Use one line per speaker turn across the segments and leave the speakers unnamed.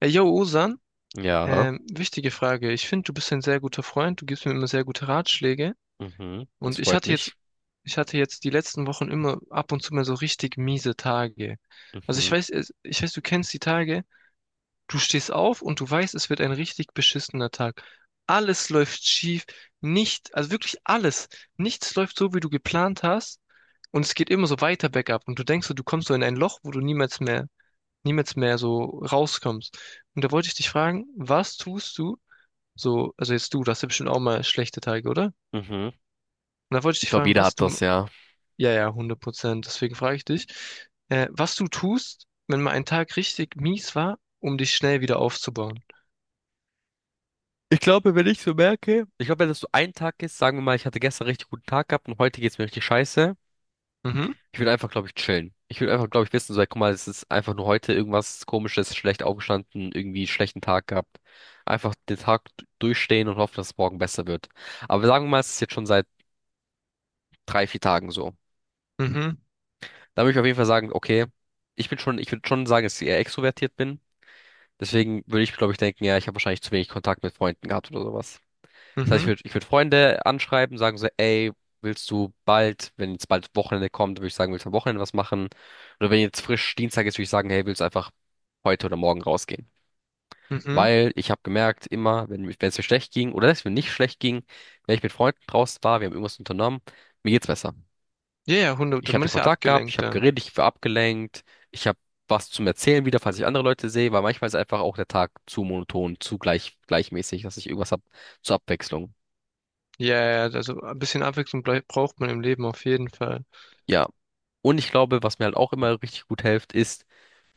Yo, Osan,
Ja,
wichtige Frage. Ich finde, du bist ein sehr guter Freund. Du gibst mir immer sehr gute Ratschläge.
mhm, das
Und ich
freut
hatte jetzt,
mich.
ich hatte jetzt die letzten Wochen immer ab und zu mal so richtig miese Tage. Also ich
Mhm,
weiß, ich weiß, du kennst die Tage. Du stehst auf und du weißt, es wird ein richtig beschissener Tag. Alles läuft schief. Nicht, also wirklich alles. Nichts läuft so, wie du geplant hast. Und es geht immer so weiter bergab. Und du denkst so, du kommst so in ein Loch, wo du niemals mehr so rauskommst. Und da wollte ich dich fragen, was tust du, so, also jetzt du, das hast ja bestimmt auch mal schlechte Tage, oder? Und
mhm.
da wollte ich
Ich
dich
glaube,
fragen,
jeder
was
hat
du,
das, ja.
ja, ja, 100% deswegen frage ich dich, was du tust, wenn mal ein Tag richtig mies war, um dich schnell wieder aufzubauen.
Ich glaube, wenn ich so merke, ich glaube, wenn das so ein Tag ist, sagen wir mal, ich hatte gestern richtig guten Tag gehabt und heute geht's mir richtig scheiße.
Mhm,
Ich will einfach, glaube ich, chillen. Ich will einfach, glaube ich, wissen, so, ey, guck mal, es ist einfach nur heute irgendwas Komisches, schlecht aufgestanden, irgendwie schlechten Tag gehabt. Einfach den durchstehen und hoffen, dass es morgen besser wird. Aber sagen wir mal, es ist jetzt schon seit drei, vier Tagen so.
mhm,
Da würde ich auf jeden Fall sagen, okay, ich bin schon, ich würde schon sagen, dass ich eher extrovertiert bin. Deswegen würde ich, glaube ich, denken, ja, ich habe wahrscheinlich zu wenig Kontakt mit Freunden gehabt oder sowas. Das heißt, ich
mhm,
würde ich würd Freunde anschreiben, sagen so, ey, willst du bald, wenn jetzt bald Wochenende kommt, würde ich sagen, willst du am Wochenende was machen? Oder wenn jetzt frisch Dienstag ist, würde ich sagen, hey, willst du einfach heute oder morgen rausgehen?
mhm.
Weil ich habe gemerkt, immer, wenn es mir schlecht ging oder wenn es mir nicht schlecht ging, wenn ich mit Freunden draußen war, wir haben irgendwas unternommen, mir geht's besser.
Ja, ja,
Ich
hundert, man
hatte
ist ja
Kontakt gehabt, ich
abgelenkt
habe
dann.
geredet, ich war abgelenkt, ich habe was zum Erzählen wieder, falls ich andere Leute sehe, weil manchmal ist einfach auch der Tag zu monoton, zu gleich, gleichmäßig, dass ich irgendwas hab zur Abwechslung.
Ja, ja, ja, also ein bisschen Abwechslung braucht man im Leben auf jeden Fall.
Ja. Und ich glaube, was mir halt auch immer richtig gut hilft, ist,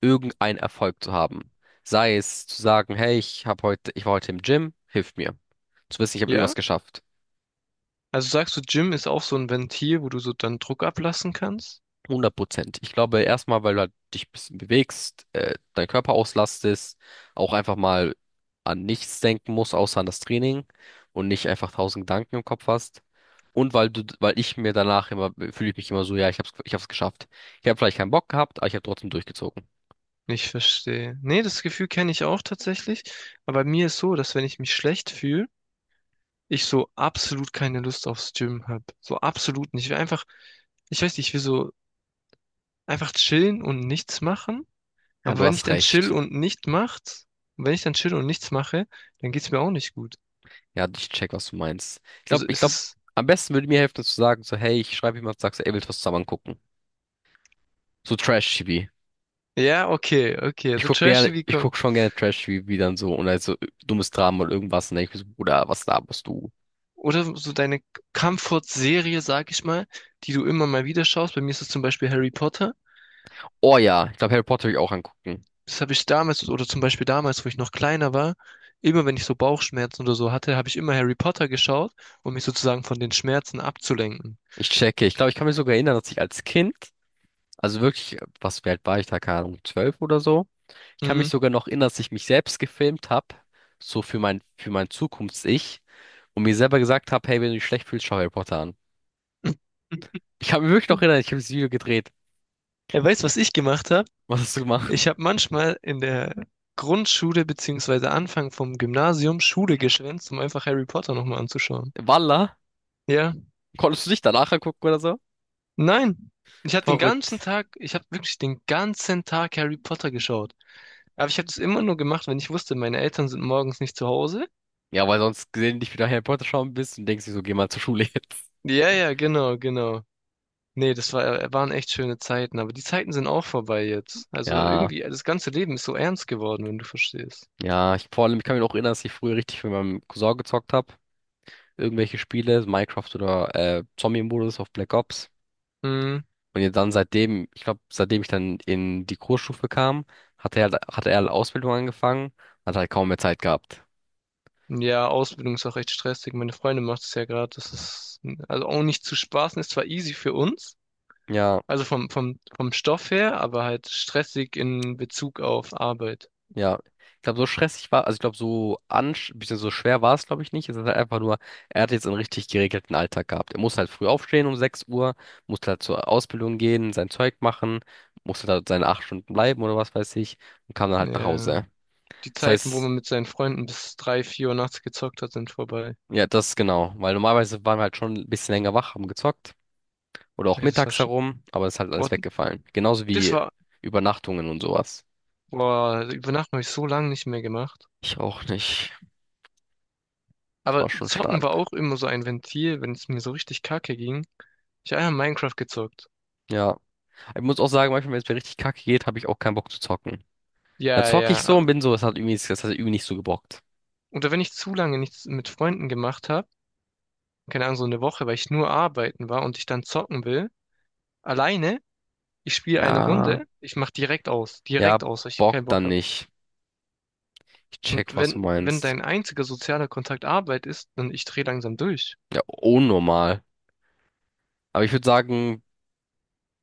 irgendeinen Erfolg zu haben. Sei es zu sagen, hey, ich hab heute, ich war heute im Gym, hilft mir. Zu wissen, ich habe irgendwas
Ja?
geschafft.
Also sagst du, Gym ist auch so ein Ventil, wo du so dann Druck ablassen kannst?
100%. Ich glaube, erstmal, weil du halt dich ein bisschen bewegst, deinen Körper auslastest, auch einfach mal an nichts denken musst, außer an das Training und nicht einfach tausend Gedanken im Kopf hast. Und weil du, weil ich mir danach immer, fühle ich mich immer so, ja, ich hab's geschafft. Ich habe vielleicht keinen Bock gehabt, aber ich habe trotzdem durchgezogen.
Ich verstehe. Nee, das Gefühl kenne ich auch tatsächlich. Aber bei mir ist so, dass wenn ich mich schlecht fühle, ich so absolut keine Lust aufs Gym habe. So absolut nicht. Ich will einfach, ich weiß nicht, ich will so einfach chillen und nichts machen.
Ja,
Aber
du
wenn ich
hast
dann chill
recht.
und nicht macht, wenn ich dann chill und nichts mache, dann geht's mir auch nicht gut.
Ja, ich check, was du meinst. Ich glaube,
Also
ich
es
glaube,
ist,
am besten würde mir helfen, zu sagen, so, hey, ich schreibe jemand, sagst du, ey, willst du was zusammen gucken? So Trash-TV.
ja, okay, okay.
Ich
So
guck
trashy
gerne,
wie
ich
komm.
guck schon gerne Trash-TV wie dann so und also dummes Drama oder irgendwas. Und dann denk ich mir so, Bruder, was laberst du?
Oder so deine Comfort-Serie, sag ich mal, die du immer mal wieder schaust. Bei mir ist es zum Beispiel Harry Potter.
Oh ja, ich glaube, Harry Potter will ich auch angucken.
Das habe ich damals, oder zum Beispiel damals, wo ich noch kleiner war, immer wenn ich so Bauchschmerzen oder so hatte, habe ich immer Harry Potter geschaut, um mich sozusagen von den Schmerzen abzulenken.
Ich checke. Ich glaube, ich kann mich sogar erinnern, dass ich als Kind, also wirklich, was, wie alt war ich da? Keine Ahnung, 12 oder so. Ich kann mich
Mhm.
sogar noch erinnern, dass ich mich selbst gefilmt habe, so für mein Zukunfts-Ich und mir selber gesagt habe, hey, wenn du dich schlecht fühlst, schau Harry Potter an. Ich kann mich wirklich noch erinnern, ich habe das Video gedreht.
Er weiß, was ich gemacht habe.
Was hast du gemacht?
Ich habe manchmal in der Grundschule beziehungsweise Anfang vom Gymnasium Schule geschwänzt, um einfach Harry Potter nochmal anzuschauen.
Walla?
Ja,
Konntest du dich danach angucken oder so?
nein. Ich habe den ganzen
Verrückt.
Tag, ich habe wirklich den ganzen Tag Harry Potter geschaut. Aber ich habe das immer nur gemacht, wenn ich wusste, meine Eltern sind morgens nicht zu Hause.
Ja, weil sonst gelegentlich wieder Harry Potter schauen bist und denkst dir so, geh mal zur Schule jetzt.
Ja, ja, genau, genau. Nee, das war, waren echt schöne Zeiten, aber die Zeiten sind auch vorbei jetzt. Also
Ja,
irgendwie, das ganze Leben ist so ernst geworden, wenn du verstehst.
ja, ich vor allem, ich kann mich auch erinnern, dass ich früher richtig mit meinem Cousin gezockt habe. Irgendwelche Spiele, Minecraft oder Zombie-Modus auf Black Ops.
Hm.
Und jetzt dann seitdem, ich glaube, seitdem ich dann in die Kursstufe kam, hat er halt Ausbildung angefangen, hat halt kaum mehr Zeit gehabt.
Ja, Ausbildung ist auch echt stressig. Meine Freundin macht es ja gerade, das ist also auch nicht zu spaßen, ist zwar easy für uns,
Ja.
also vom Stoff her, aber halt stressig in Bezug auf Arbeit.
Ja, ich glaube, so stressig war, also ich glaube, so ansch, bisschen so schwer war es, glaube ich, nicht. Es ist halt einfach nur, er hat jetzt einen richtig geregelten Alltag gehabt. Er muss halt früh aufstehen um 6 Uhr, muss halt zur Ausbildung gehen, sein Zeug machen, musste da seine 8 Stunden bleiben oder was weiß ich und kam dann halt nach
Ja.
Hause.
Die
Das
Zeiten, wo
heißt,
man mit seinen Freunden bis drei, vier Uhr nachts gezockt hat, sind vorbei.
ja, das genau, weil normalerweise waren wir halt schon ein bisschen länger wach, haben gezockt oder auch
Ey, das war
mittags
schon.
herum, aber es ist halt
Oh,
alles weggefallen. Genauso
das
wie
war.
Übernachtungen und sowas.
Boah, über Nacht habe ich so lange nicht mehr gemacht.
Ich auch nicht. Es
Aber
war schon
Zocken war
stark.
auch immer so ein Ventil, wenn es mir so richtig kacke ging. Ich habe einfach Minecraft gezockt.
Ja. Ich muss auch sagen, manchmal, wenn es mir richtig kacke geht, habe ich auch keinen Bock zu zocken. Dann
Ja,
zocke
ja.
ich so und bin so, das hat irgendwie, das hat irgendwie nicht so gebockt.
Oder wenn ich zu lange nichts mit Freunden gemacht habe, keine Ahnung, so eine Woche, weil ich nur arbeiten war und ich dann zocken will, alleine, ich spiele eine
Ja,
Runde, ich mach direkt
ja,
aus, weil ich keinen
Bock
Bock
dann
habe.
nicht. Ich check,
Und
was du
wenn, wenn
meinst.
dein einziger sozialer Kontakt Arbeit ist, dann ich drehe langsam durch.
Ja, unnormal. Aber ich würde sagen,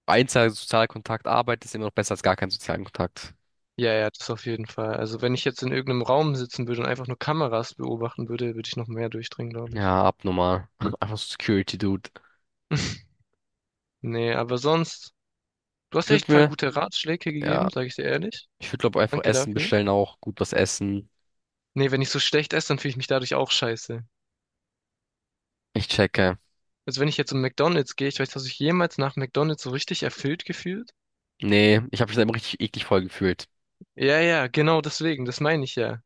einzelner Sozialkontakt, Arbeit ist immer noch besser als gar keinen sozialen Kontakt.
Ja, ja, das auf jeden Fall. Also wenn ich jetzt in irgendeinem Raum sitzen würde und einfach nur Kameras beobachten würde, würde ich noch mehr durchdrehen, glaube ich.
Ja, abnormal. Einfach so Security, Dude.
Nee, aber sonst. Du hast
Ich
echt
würde
ein paar
mir,
gute Ratschläge
ja,
gegeben, sage ich dir ehrlich.
ich würde glaube einfach
Danke
Essen
dafür.
bestellen auch, gut was essen.
Nee, wenn ich so schlecht esse, dann fühle ich mich dadurch auch scheiße.
Ich checke.
Also wenn ich jetzt um McDonald's gehe, ich weiß, hast du dich jemals nach McDonald's so richtig erfüllt gefühlt?
Nee, ich habe mich da immer richtig eklig voll gefühlt.
Ja, ja, genau deswegen, das meine ich ja.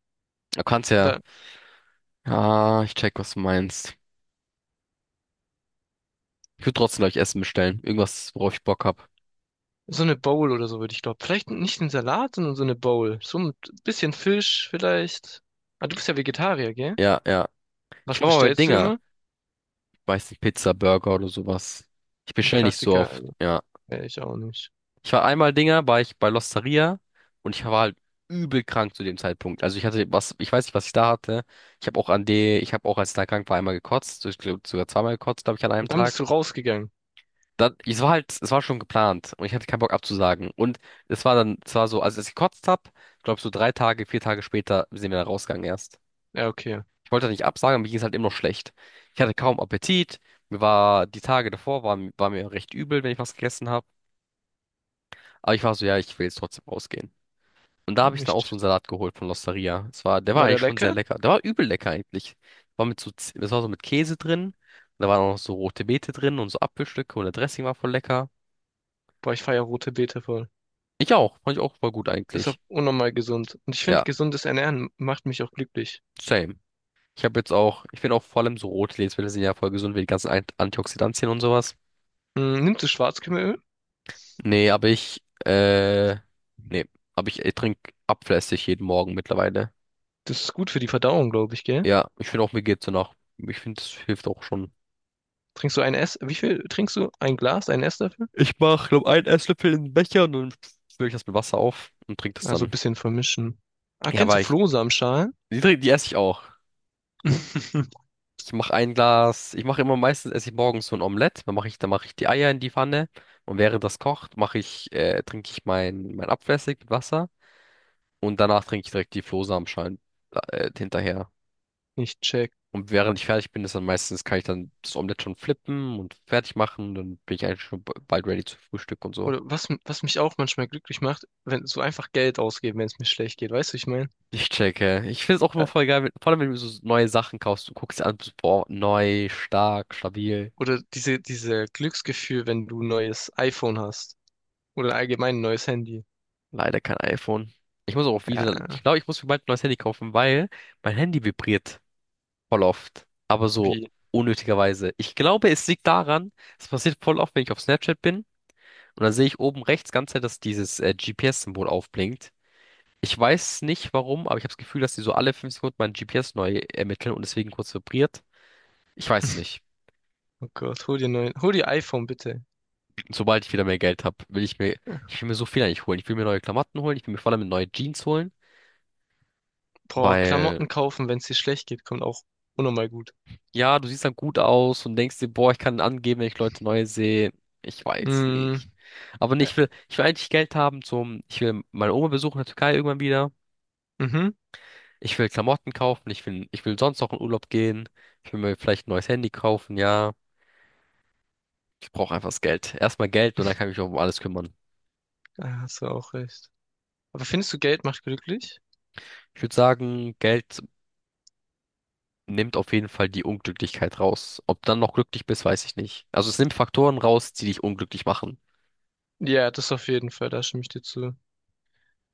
Du kannst ja.
Da,
Ah, ich check, was du meinst. Ich würde trotzdem, glaube Essen bestellen. Irgendwas, worauf ich Bock hab.
so eine Bowl oder so würde ich glauben. Vielleicht nicht einen Salat, sondern so eine Bowl. So ein bisschen Fisch vielleicht. Ah, du bist ja Vegetarier, gell?
Ja, ja.
Was
Ich war mal bei
bestellst du
Dinger.
immer?
Ich weiß nicht, Pizza, Burger oder sowas. Ich
Ein
bestelle nicht so
Klassiker,
oft, ja.
wäre ich auch nicht.
Ich war einmal Dinger, war ich bei L'Osteria und ich war halt übel krank zu dem Zeitpunkt. Also ich hatte was, ich weiß nicht, was ich da hatte. Ich habe auch, als ich da krank war, einmal gekotzt. Ich glaube, sogar zweimal gekotzt, glaube ich, an einem
Und dann
Tag.
bist du rausgegangen.
Dann, es war halt, es war schon geplant und ich hatte keinen Bock abzusagen. Und es war dann, es war so, als ich gekotzt hab, glaube so drei Tage, vier Tage später sind wir da rausgegangen erst.
Ja, okay.
Ich wollte nicht absagen, aber mir ging es halt immer noch schlecht. Ich hatte kaum Appetit. Mir war, die Tage davor war, war mir recht übel, wenn ich was gegessen habe. Aber ich war so, ja, ich will jetzt trotzdem rausgehen. Und da habe ich dann auch so
Nicht.
einen Salat geholt von L'Osteria. Es war, der war
War
eigentlich
der
schon sehr
lecker?
lecker. Der war übel lecker eigentlich. War mit so, das war so mit Käse drin. Da waren auch noch so rote Beete drin und so Apfelstücke und der Dressing war voll lecker.
Boah, ich feier rote Beete voll.
Ich auch, fand ich auch voll gut
Ist auch
eigentlich.
unnormal gesund. Und ich
Ja,
finde, gesundes Ernähren macht mich auch glücklich.
same. Ich habe jetzt auch, ich finde auch vor allem so rote Lebensmittel sind ja voll gesund, wie die ganzen Antioxidantien und sowas.
Hm, nimmst du Schwarzkümmelöl?
Nee, aber ich, nee, aber ich trinke abflässig jeden Morgen mittlerweile.
Das ist gut für die Verdauung, glaube ich, gell?
Ja, ich finde auch, mir geht's danach. Ich finde, das hilft auch schon.
Trinkst du ein Ess? Wie viel trinkst du? Ein Glas, ein Esslöffel?
Ich mache, glaube einen Esslöffel in den Becher und dann fülle ich das mit Wasser auf und trinke das
Also ein
dann.
bisschen vermischen. Ah,
Ja,
kennst du
weil ich,
Flohsamenschalen?
die, die esse ich auch. Ich mache ein Glas, ich mache immer meistens, esse ich morgens so ein Omelett. Dann mache ich die Eier in die Pfanne und während das kocht, mache ich, trinke ich mein Abflüssig mit Wasser und danach trinke ich direkt die Flohsamenschalen, hinterher.
Nicht check.
Und während ich fertig bin, ist dann meistens, kann ich dann das Omelett schon flippen und fertig machen. Dann bin ich eigentlich bald ready zu Frühstück und so.
Oder was, was mich auch manchmal glücklich macht, wenn so einfach Geld ausgeben, wenn es mir schlecht geht, weißt du, ich meine?
Ich checke. Ich finde es auch immer
Äh,
voll geil, wenn, vor allem wenn du so neue Sachen kaufst. Du guckst dir an, bist, boah, neu, stark, stabil.
Oder diese, diese Glücksgefühl, wenn du ein neues iPhone hast. Oder allgemein ein neues Handy.
Leider kein iPhone. Ich muss auch
Ja,
wieder, ich glaube, ich muss mir bald ein neues Handy kaufen, weil mein Handy vibriert voll oft. Aber so
wie?
unnötigerweise. Ich glaube, es liegt daran, es passiert voll oft, wenn ich auf Snapchat bin. Und dann sehe ich oben rechts ganze Zeit, dass dieses GPS-Symbol aufblinkt. Ich weiß nicht warum, aber ich habe das Gefühl, dass die so alle 5 Sekunden mein GPS neu ermitteln und deswegen kurz vibriert. Ich weiß es nicht.
Oh Gott, hol dir hol dir iPhone, bitte.
Sobald ich wieder mehr Geld habe, will ich mir, ich will mir so viel eigentlich holen. Ich will mir neue Klamotten holen, ich will mir vor allem neue Jeans holen,
Boah,
weil,
Klamotten kaufen, wenn es dir schlecht geht, kommt auch unnormal gut.
ja, du siehst dann gut aus und denkst dir, boah, ich kann angeben, wenn ich Leute neu sehe. Ich weiß
Mm,
nicht. Aber nee,
äh,
ich will eigentlich Geld haben zum, ich will meine Oma besuchen in der Türkei irgendwann wieder.
mhm,
Ich will Klamotten kaufen, ich will sonst noch in Urlaub gehen. Ich will mir vielleicht ein neues Handy kaufen, ja. Ich brauche einfach das Geld. Erstmal Geld und dann kann ich mich auch um alles kümmern.
da hast du auch recht. Aber findest du, Geld macht glücklich?
Ich würde sagen, Geld nimmt auf jeden Fall die Unglücklichkeit raus. Ob du dann noch glücklich bist, weiß ich nicht. Also es nimmt Faktoren raus, die dich unglücklich machen.
Ja, das auf jeden Fall, da stimme ich dir zu.